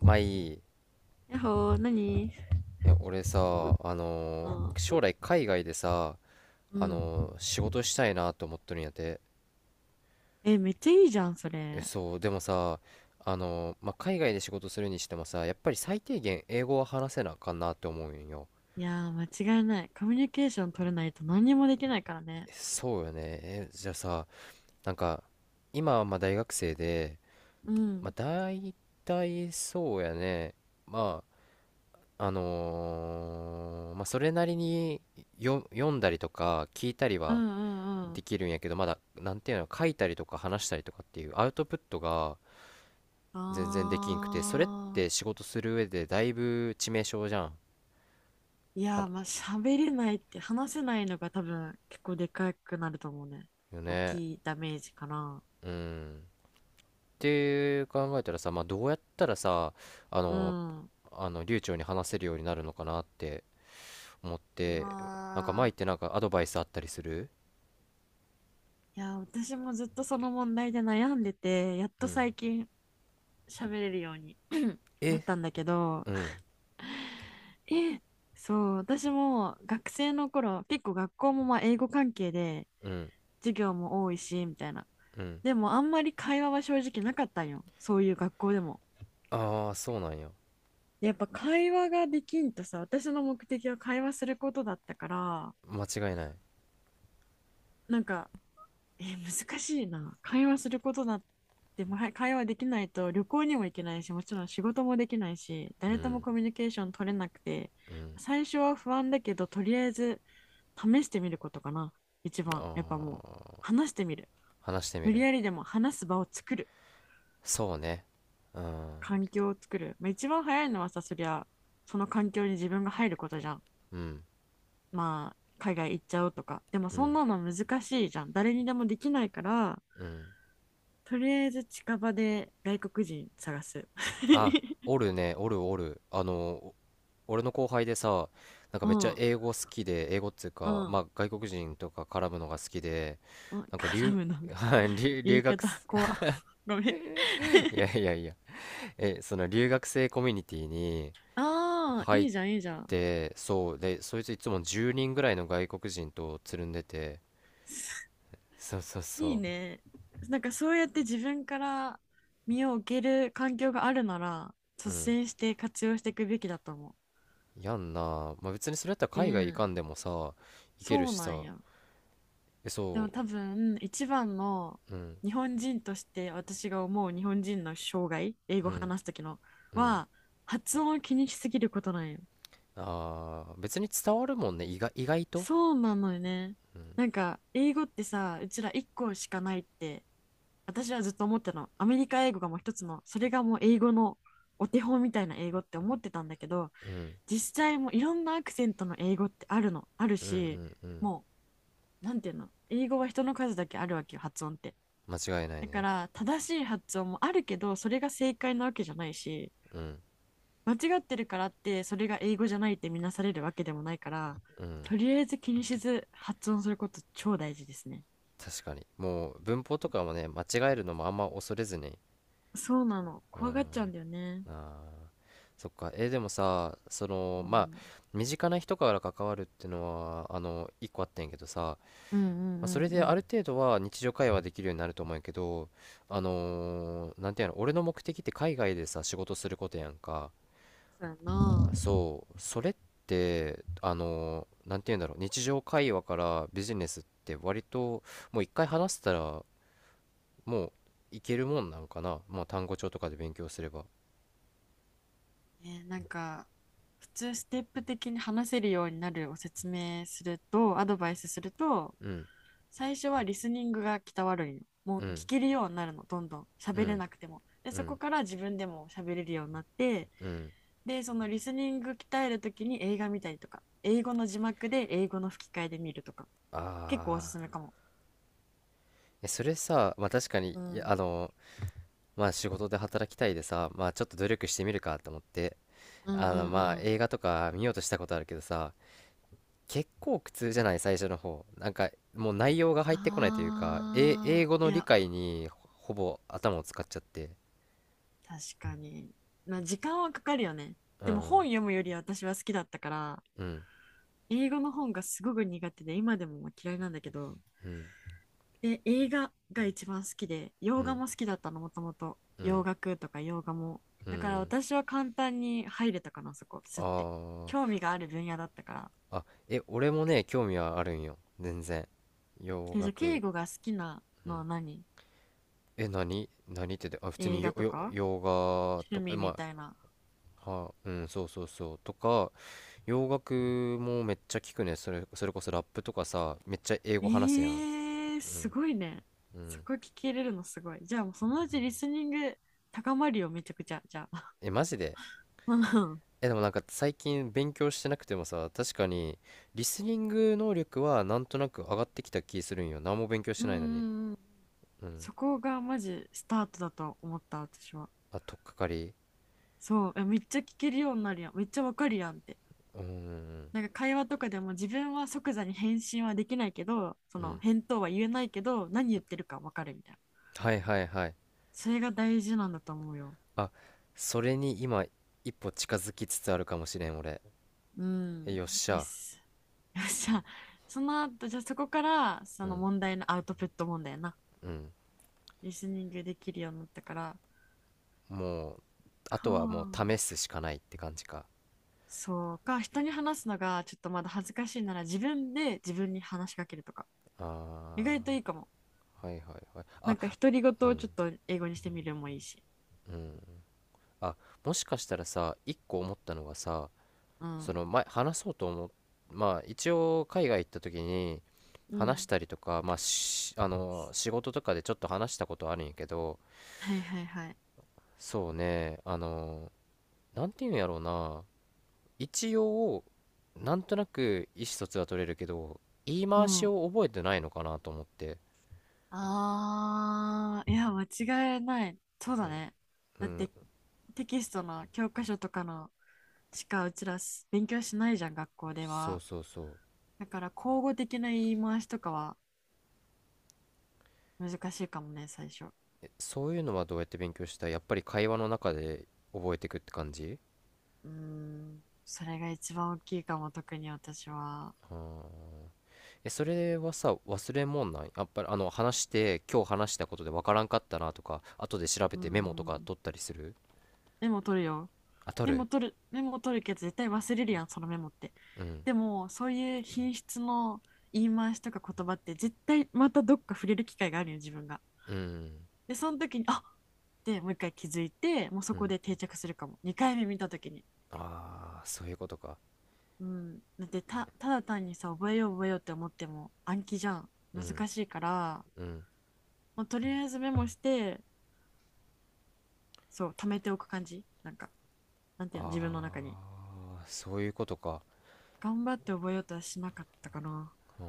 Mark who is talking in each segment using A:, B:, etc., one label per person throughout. A: まあいい。
B: やっほー、何
A: え、俺さ、
B: そ
A: 将来海外でさ、
B: うん。
A: 仕事したいなと思っとるんやて。
B: え、めっちゃいいじゃん、そ
A: え、
B: れ。
A: そう、でもさ、まあ、海外で仕事するにしてもさ、やっぱり最低限英語は話せなあかんなって思うんよ。
B: いやー、間違いない。コミュニケーション取れないと何にもできないからね。
A: え、そうよね。え、じゃあさ、なんか、今はまあ大学生で、
B: う
A: まあ、
B: ん。
A: 大体そうやね。まあ、まあ、それなりに読んだりとか聞いたり
B: うん
A: は
B: うんうん。
A: できるんやけど、まだなんていうの、書いたりとか話したりとかっていうアウトプットが全然できんくて、それっ
B: あ
A: て仕事する上でだいぶ致命傷じゃん。
B: ー。い
A: は
B: やー、
A: な
B: まあ、喋れないって話せないのが多分結構でかくなると思うね。
A: よ
B: 大
A: ね。
B: きいダメージかな。
A: うん。って考えたらさ、まあ、どうやったらさあ
B: う
A: の
B: ん。う
A: 流暢に話せるようになるのかなって思って、なんか前っ
B: わ
A: てなんかアドバイスあったりする？
B: ー。いやー、私もずっとその問題で悩んでて、やっ
A: う
B: と
A: ん。
B: 最近喋れるように なっ
A: え。
B: たんだけど、
A: うん。
B: え、そう、私も学生の頃、結構学校もまあ英語関係で
A: うん。
B: 授業も多いし、みたいな。
A: うん。
B: でもあんまり会話は正直なかったんよ、そういう学校でも。
A: ああー、そうなんや。
B: でやっぱ会話ができんとさ、私の目的は会話することだったから、
A: 間違いない。
B: なんか難しいな。会話することだって、まあ会話できないと旅行にも行けないし、もちろん仕事もできないし、
A: う
B: 誰とも
A: ん。
B: コミュニケーション取れなくて、
A: うん。
B: 最初は不安だけど、とりあえず試してみることかな。一
A: あ
B: 番、やっぱもう、
A: あー、
B: 話してみる。
A: 話してみ
B: 無理
A: る。
B: やりでも話す場を作る。
A: そうね。うん、
B: 環境を作る。まあ、一番早いのはさ、そりゃ、その環境に自分が入ることじゃん。
A: うん、
B: まあ、海外行っちゃうとか。でも
A: う
B: そん
A: ん、
B: なの難しいじゃん、誰にでもできないから。
A: うん。
B: とりあえず近場で外国人探す。
A: あ、おるね、おるおる。お俺の後輩でさ、なんか
B: う
A: めっちゃ
B: ん
A: 英語好きで、英語っつう
B: う
A: か、ま
B: ん
A: あ外国人とか絡むのが好きで、
B: うん、
A: なんか
B: 絡むの が
A: はい
B: 言
A: 留
B: い
A: 学
B: 方
A: す、
B: 怖っ。 ごめん。
A: いや いやいや、え、その留学生コミュニティに
B: ああ、
A: 入
B: い
A: っ
B: いじゃんいいじゃん。
A: て、そう、で、そいついつも10人ぐらいの外国人とつるんでて、そうそう
B: いい
A: そ
B: ね。なんかそうやって自分から身を置ける環境があるなら
A: う、
B: 率
A: うん、
B: 先して活用していくべきだと思う。
A: やんな。まあ別にそれやったら海外行
B: で
A: かんでもさ、行ける
B: そう
A: し
B: なん
A: さ。
B: や。
A: え、
B: でも
A: そ
B: 多分一番の、
A: う。うん。
B: 日本人として私が思う日本人の障害、英
A: う
B: 語
A: ん。
B: 話すときの
A: うん。
B: は、発音を気にしすぎることなんよ。
A: あー、別に伝わるもんね、意外と。
B: そうなのよね。なんか英語ってさ、うちら1個しかないって私はずっと思ってたの。アメリカ英語がもう一つの、それがもう英語のお手本みたいな英語って思ってたんだけど、
A: うん。
B: 実際もういろんなアクセントの英語ってあるの、ある
A: うん。う
B: し、
A: ん。うん。
B: もうなんていうの、英語は人の数だけあるわけよ、発音って。
A: 間違いない
B: だか
A: ね。
B: ら正しい発音もあるけどそれが正解なわけじゃないし、
A: うん。
B: 間違ってるからってそれが英語じゃないって見なされるわけでもないから、
A: うん。
B: とりあえず気にせず発音すること超大事ですね。
A: 確かにもう文法とかもね、間違えるのもあんま恐れずに。
B: そうなの、
A: う
B: 怖
A: ん。
B: がっちゃうんだよね。
A: あー、そっか。でもさ、そ
B: う
A: の、まあ
B: ん、
A: 身近な人から関わるっていうのは、一個あったんやけどさ、
B: うんう
A: まあ、それ
B: んうんう
A: である
B: ん。
A: 程度は日常会話できるようになると思うんやけど、なんていうの、俺の目的って海外でさ仕事することやんか。
B: そうやな。
A: そう、それってなんて言うんだろう、日常会話からビジネスって割ともう一回話したら、もういけるもんなんかな。まあ単語帳とかで勉強すれば。
B: えーなんか普通ステップ的に話せるようになるを説明するとアドバイスすると、
A: うん。
B: 最初はリスニングが鍛わるんよ。も
A: う
B: う
A: ん。
B: 聞けるようになるの、どんどん。
A: う
B: 喋れ
A: ん。
B: なくても。で、
A: う
B: そこ
A: ん。
B: から自分でも喋れるようになって、
A: うん。
B: で、そのリスニング鍛えるときに映画見たりとか、英語の字幕で英語の吹き替えで見るとか、結構おす
A: あ
B: す
A: あ。
B: めかも。
A: え、それさ、まあ確かに。
B: う
A: いや、
B: ん。
A: まあ仕事で働きたいでさ、まあちょっと努力してみるかと思って、
B: うんうん
A: まあ
B: うん。
A: 映画とか見ようとしたことあるけどさ、結構苦痛じゃない？最初の方なんかもう内容が入ってこないというか、え、
B: あ
A: 英
B: あ、
A: 語
B: い
A: の理
B: や、
A: 解にほぼ頭を使っちゃって。
B: 確かに。まあ、時間はかかるよね。
A: う
B: でも本
A: ん。
B: 読むよりは私は好きだったから、
A: うん。
B: 英語の本がすごく苦手で、今でもまあ嫌いなんだけど、
A: うん。
B: で、映画が一番好きで、
A: う
B: 洋画
A: ん。
B: も好きだったの、もともと。
A: う
B: 洋
A: ん。
B: 楽とか洋画も。
A: う
B: だから
A: ん。
B: 私は簡単に入れたかな、そこ、
A: あ
B: すって。興
A: ー。
B: 味がある分野だったから。
A: あ。え、俺もね興味はあるんよ全然。洋
B: え、じゃあ、敬
A: 楽、
B: 語が好きな
A: う
B: の
A: ん、
B: は何、
A: え、何何って？で、あ、普通
B: 映
A: に
B: 画とか
A: 洋画
B: 趣
A: とか、
B: 味
A: え、
B: み
A: ま
B: たいな。
A: あ、は、うん、そうそうそうとか、洋楽もめっちゃ聞くねそれ、それこそラップとかさ、めっちゃ英語話すや
B: え
A: ん。
B: ー、
A: う
B: す
A: ん。
B: ごいね。
A: う
B: そ
A: ん。
B: こ聞けれるのすごい。じゃあ、もうそのうちリスニング高まるよ、めちゃくちゃ。じゃあ。
A: え、マジで？
B: うん
A: え、でもなんか最近勉強してなくてもさ、確かにリスニング能力はなんとなく上がってきた気するんよ。何も勉強し
B: う
A: てないのに。
B: んうん。
A: うん。
B: そこがマジスタートだと思った、私は。
A: あ、とっかかり。
B: そう、えめっちゃ聞けるようになるやん。めっちゃわかるやんって。
A: うーん。
B: なんか会話とかでも自分は即座に返信はできないけど、そ
A: う
B: の
A: ん。
B: 返答は言えないけど、何言ってるかわかるみたいな。
A: はいはいはい。
B: それが大事なんだと思うよ。
A: あ、それに今一歩近づきつつあるかもしれん俺。
B: う
A: え、
B: ん。
A: よっし
B: よ
A: ゃ。
B: し。よっしゃ。その後、じゃあそこから、そ
A: う
B: の
A: ん。
B: 問題のアウトプット問題やな。
A: うん。
B: リスニングできるようになったから。
A: もう、あ
B: か
A: とはもう試
B: あ。
A: すしかないって感じか。
B: そうか。人に話すのがちょっとまだ恥ずかしいなら自分で自分に話しかけるとか。意
A: あ
B: 外といいかも。
A: ー、はいはいはい。
B: な
A: あ、
B: んか独り言をち
A: う
B: ょっ
A: ん。
B: と英語にしてみるもいいし。
A: うん。あ、もしかしたらさ、一個思ったのがさ、
B: う
A: そ
B: ん。
A: の前話そうとまあ一応海外行った時に
B: う
A: 話し
B: ん。
A: たりとか、まあ、しあの仕事とかでちょっと話したことあるんやけど、
B: はいはいはい。
A: そうね、なんていうんやろうな、一応なんとなく意思疎通は取れるけど、言い
B: う
A: 回し
B: ん。
A: を覚えてないのかなと思って。
B: あー、いや、間違いない。そうだね。
A: う
B: だっ
A: ん。
B: て、テキストの教科書とかのしかうちらす勉強しないじゃん、学校で
A: そう
B: は。
A: そうそう。
B: だから、口語的な言い回しとかは難しいかもね、最初。
A: え、そういうのはどうやって勉強した？やっぱり会話の中で覚えていくって感じ？
B: うーん、それが一番大きいかも、特に私は。
A: あー。え、それはさ、忘れもんない？やっぱり、話して、今日話したことでわからんかったなとか、後で調べ
B: うんう
A: てメモとか
B: ん。
A: 取ったりする？
B: メモ取るよ。
A: あ、取
B: メ
A: る。
B: モ取る、メモ取るけど絶対忘れるやん、そのメモって。
A: うん。
B: でも、そういう品質の言い回しとか言葉って絶対またどっか触れる機会があるよ、自分が。
A: うん。
B: で、その時に、あっってもう一回気づいて、もうそ
A: う
B: こ
A: ん。
B: で定着するかも、2回目見た時に。
A: ああ、そういうことか。
B: うん。だってた、ただ単にさ、覚えよう覚えようって思っても暗記じゃん。
A: うん。
B: 難しいから、
A: うん。
B: もうとりあえずメモして、そう、貯めておく感じ。なんか、なんていうの、自分の中に。
A: ああ、そういうことか。
B: 頑張って覚えようとはしなかったかな。
A: うん。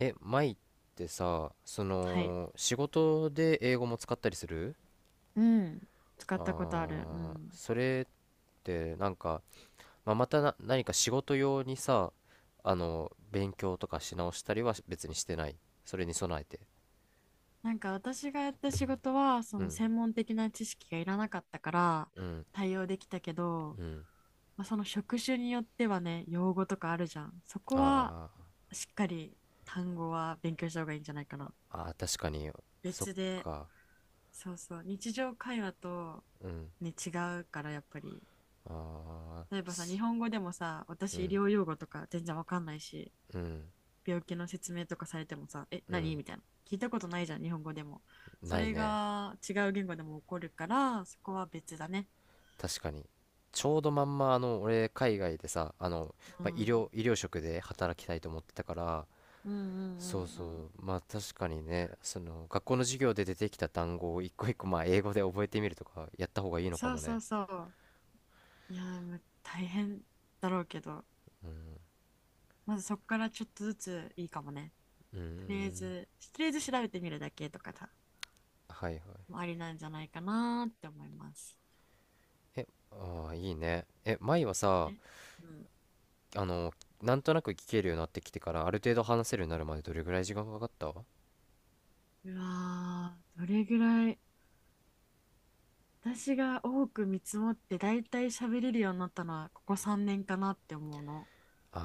A: え、舞ってさ、そ
B: はい。
A: の、仕事で英語も使ったりする？
B: うん、使ったことある。う
A: ああー、
B: ん。
A: それって、なんか、まあ、またな何か仕事用にさ勉強とかし直したりは別にしてない？それに備えて。
B: なんか私がやった仕事は、そ
A: う
B: の
A: ん。
B: 専門的な知識がいらなかったから
A: うん。
B: 対応できたけど、
A: うん。
B: まあ、その職種によってはね、用語とかあるじゃん。そこは
A: あ
B: しっかり単語は勉強した方がいいんじゃないかな、
A: ーあー、確かに。そっ
B: 別で。
A: か。
B: そうそう、日常会話と
A: うん。
B: ね、違うからやっぱり。
A: ああ
B: 例え
A: ー。
B: ばさ、日本語でもさ、
A: う
B: 私医
A: ん。
B: 療用語とか全然わかんないし、
A: うん。
B: 病気の説明とかされてもさ、え、
A: う
B: 何
A: ん。
B: みたいな。聞いたことないじゃん、日本語でも。そ
A: ない
B: れ
A: ね。
B: が違う言語でも起こるから、そこは別だね。
A: 確かに、ちょうどまんま俺海外でさ、
B: う
A: まあ、
B: ん。
A: 医療職で働きたいと思ってたから、
B: うんうんう
A: そう
B: んう
A: そ
B: ん。
A: う、まあ確かにね。その学校の授業で出てきた単語を一個一個まあ英語で覚えてみるとかやった方がいいのか
B: そう
A: も
B: そ
A: ね。
B: うそう。いやー、ま大変だろうけど、まずそこからちょっとずついいかもね。
A: うー
B: とりあえ
A: ん。
B: ず、とりあえず調べてみるだけとかさ、
A: はいはい。
B: もありなんじゃないかなーって思います。
A: え、ああいいね。え、舞はさ、
B: ね。うん。
A: あのなんとなく聞けるようになってきてからある程度話せるようになるまでどれぐらい時間かかった？あ
B: うわー、どれぐらい、私が多く見積もってだいたい喋れるようになったのはここ3年かなって思うの。
A: あ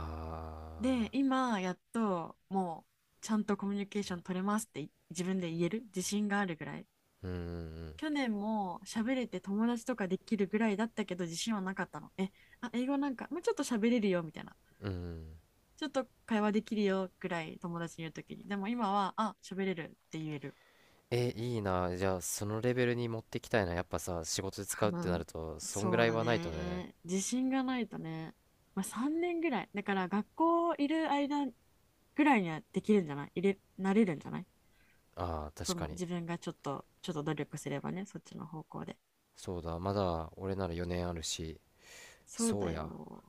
B: で、今やっともうちゃんとコミュニケーション取れますって自分で言える自信があるぐらい。
A: ー。うん。
B: 去年も喋れて友達とかできるぐらいだったけど自信はなかったの。え、あ、英語なんかもうちょっと喋れるよみたいな。
A: うん。うん。うん。
B: ちょっと会話できるよぐらい友達に言うときに。でも今は、あ、喋れるって言える。
A: え、いいな。じゃあそのレベルに持ってきたいな。やっぱさ仕事で使
B: か
A: うってな
B: な。
A: るとそんぐ
B: そ
A: ら
B: う
A: い
B: だ
A: はないとね。
B: ね。自信がないとね。まあ、3年ぐらい。だから学校いる間ぐらいにはできるんじゃない、いれ、なれるんじゃない、
A: ああ、
B: そ
A: 確か
B: の
A: に。
B: 自分がちょっと、ちょっと努力すればね、そっちの方向で。
A: そうだ、まだ俺なら4年あるし。
B: そう
A: そ
B: だ
A: うや。
B: よ。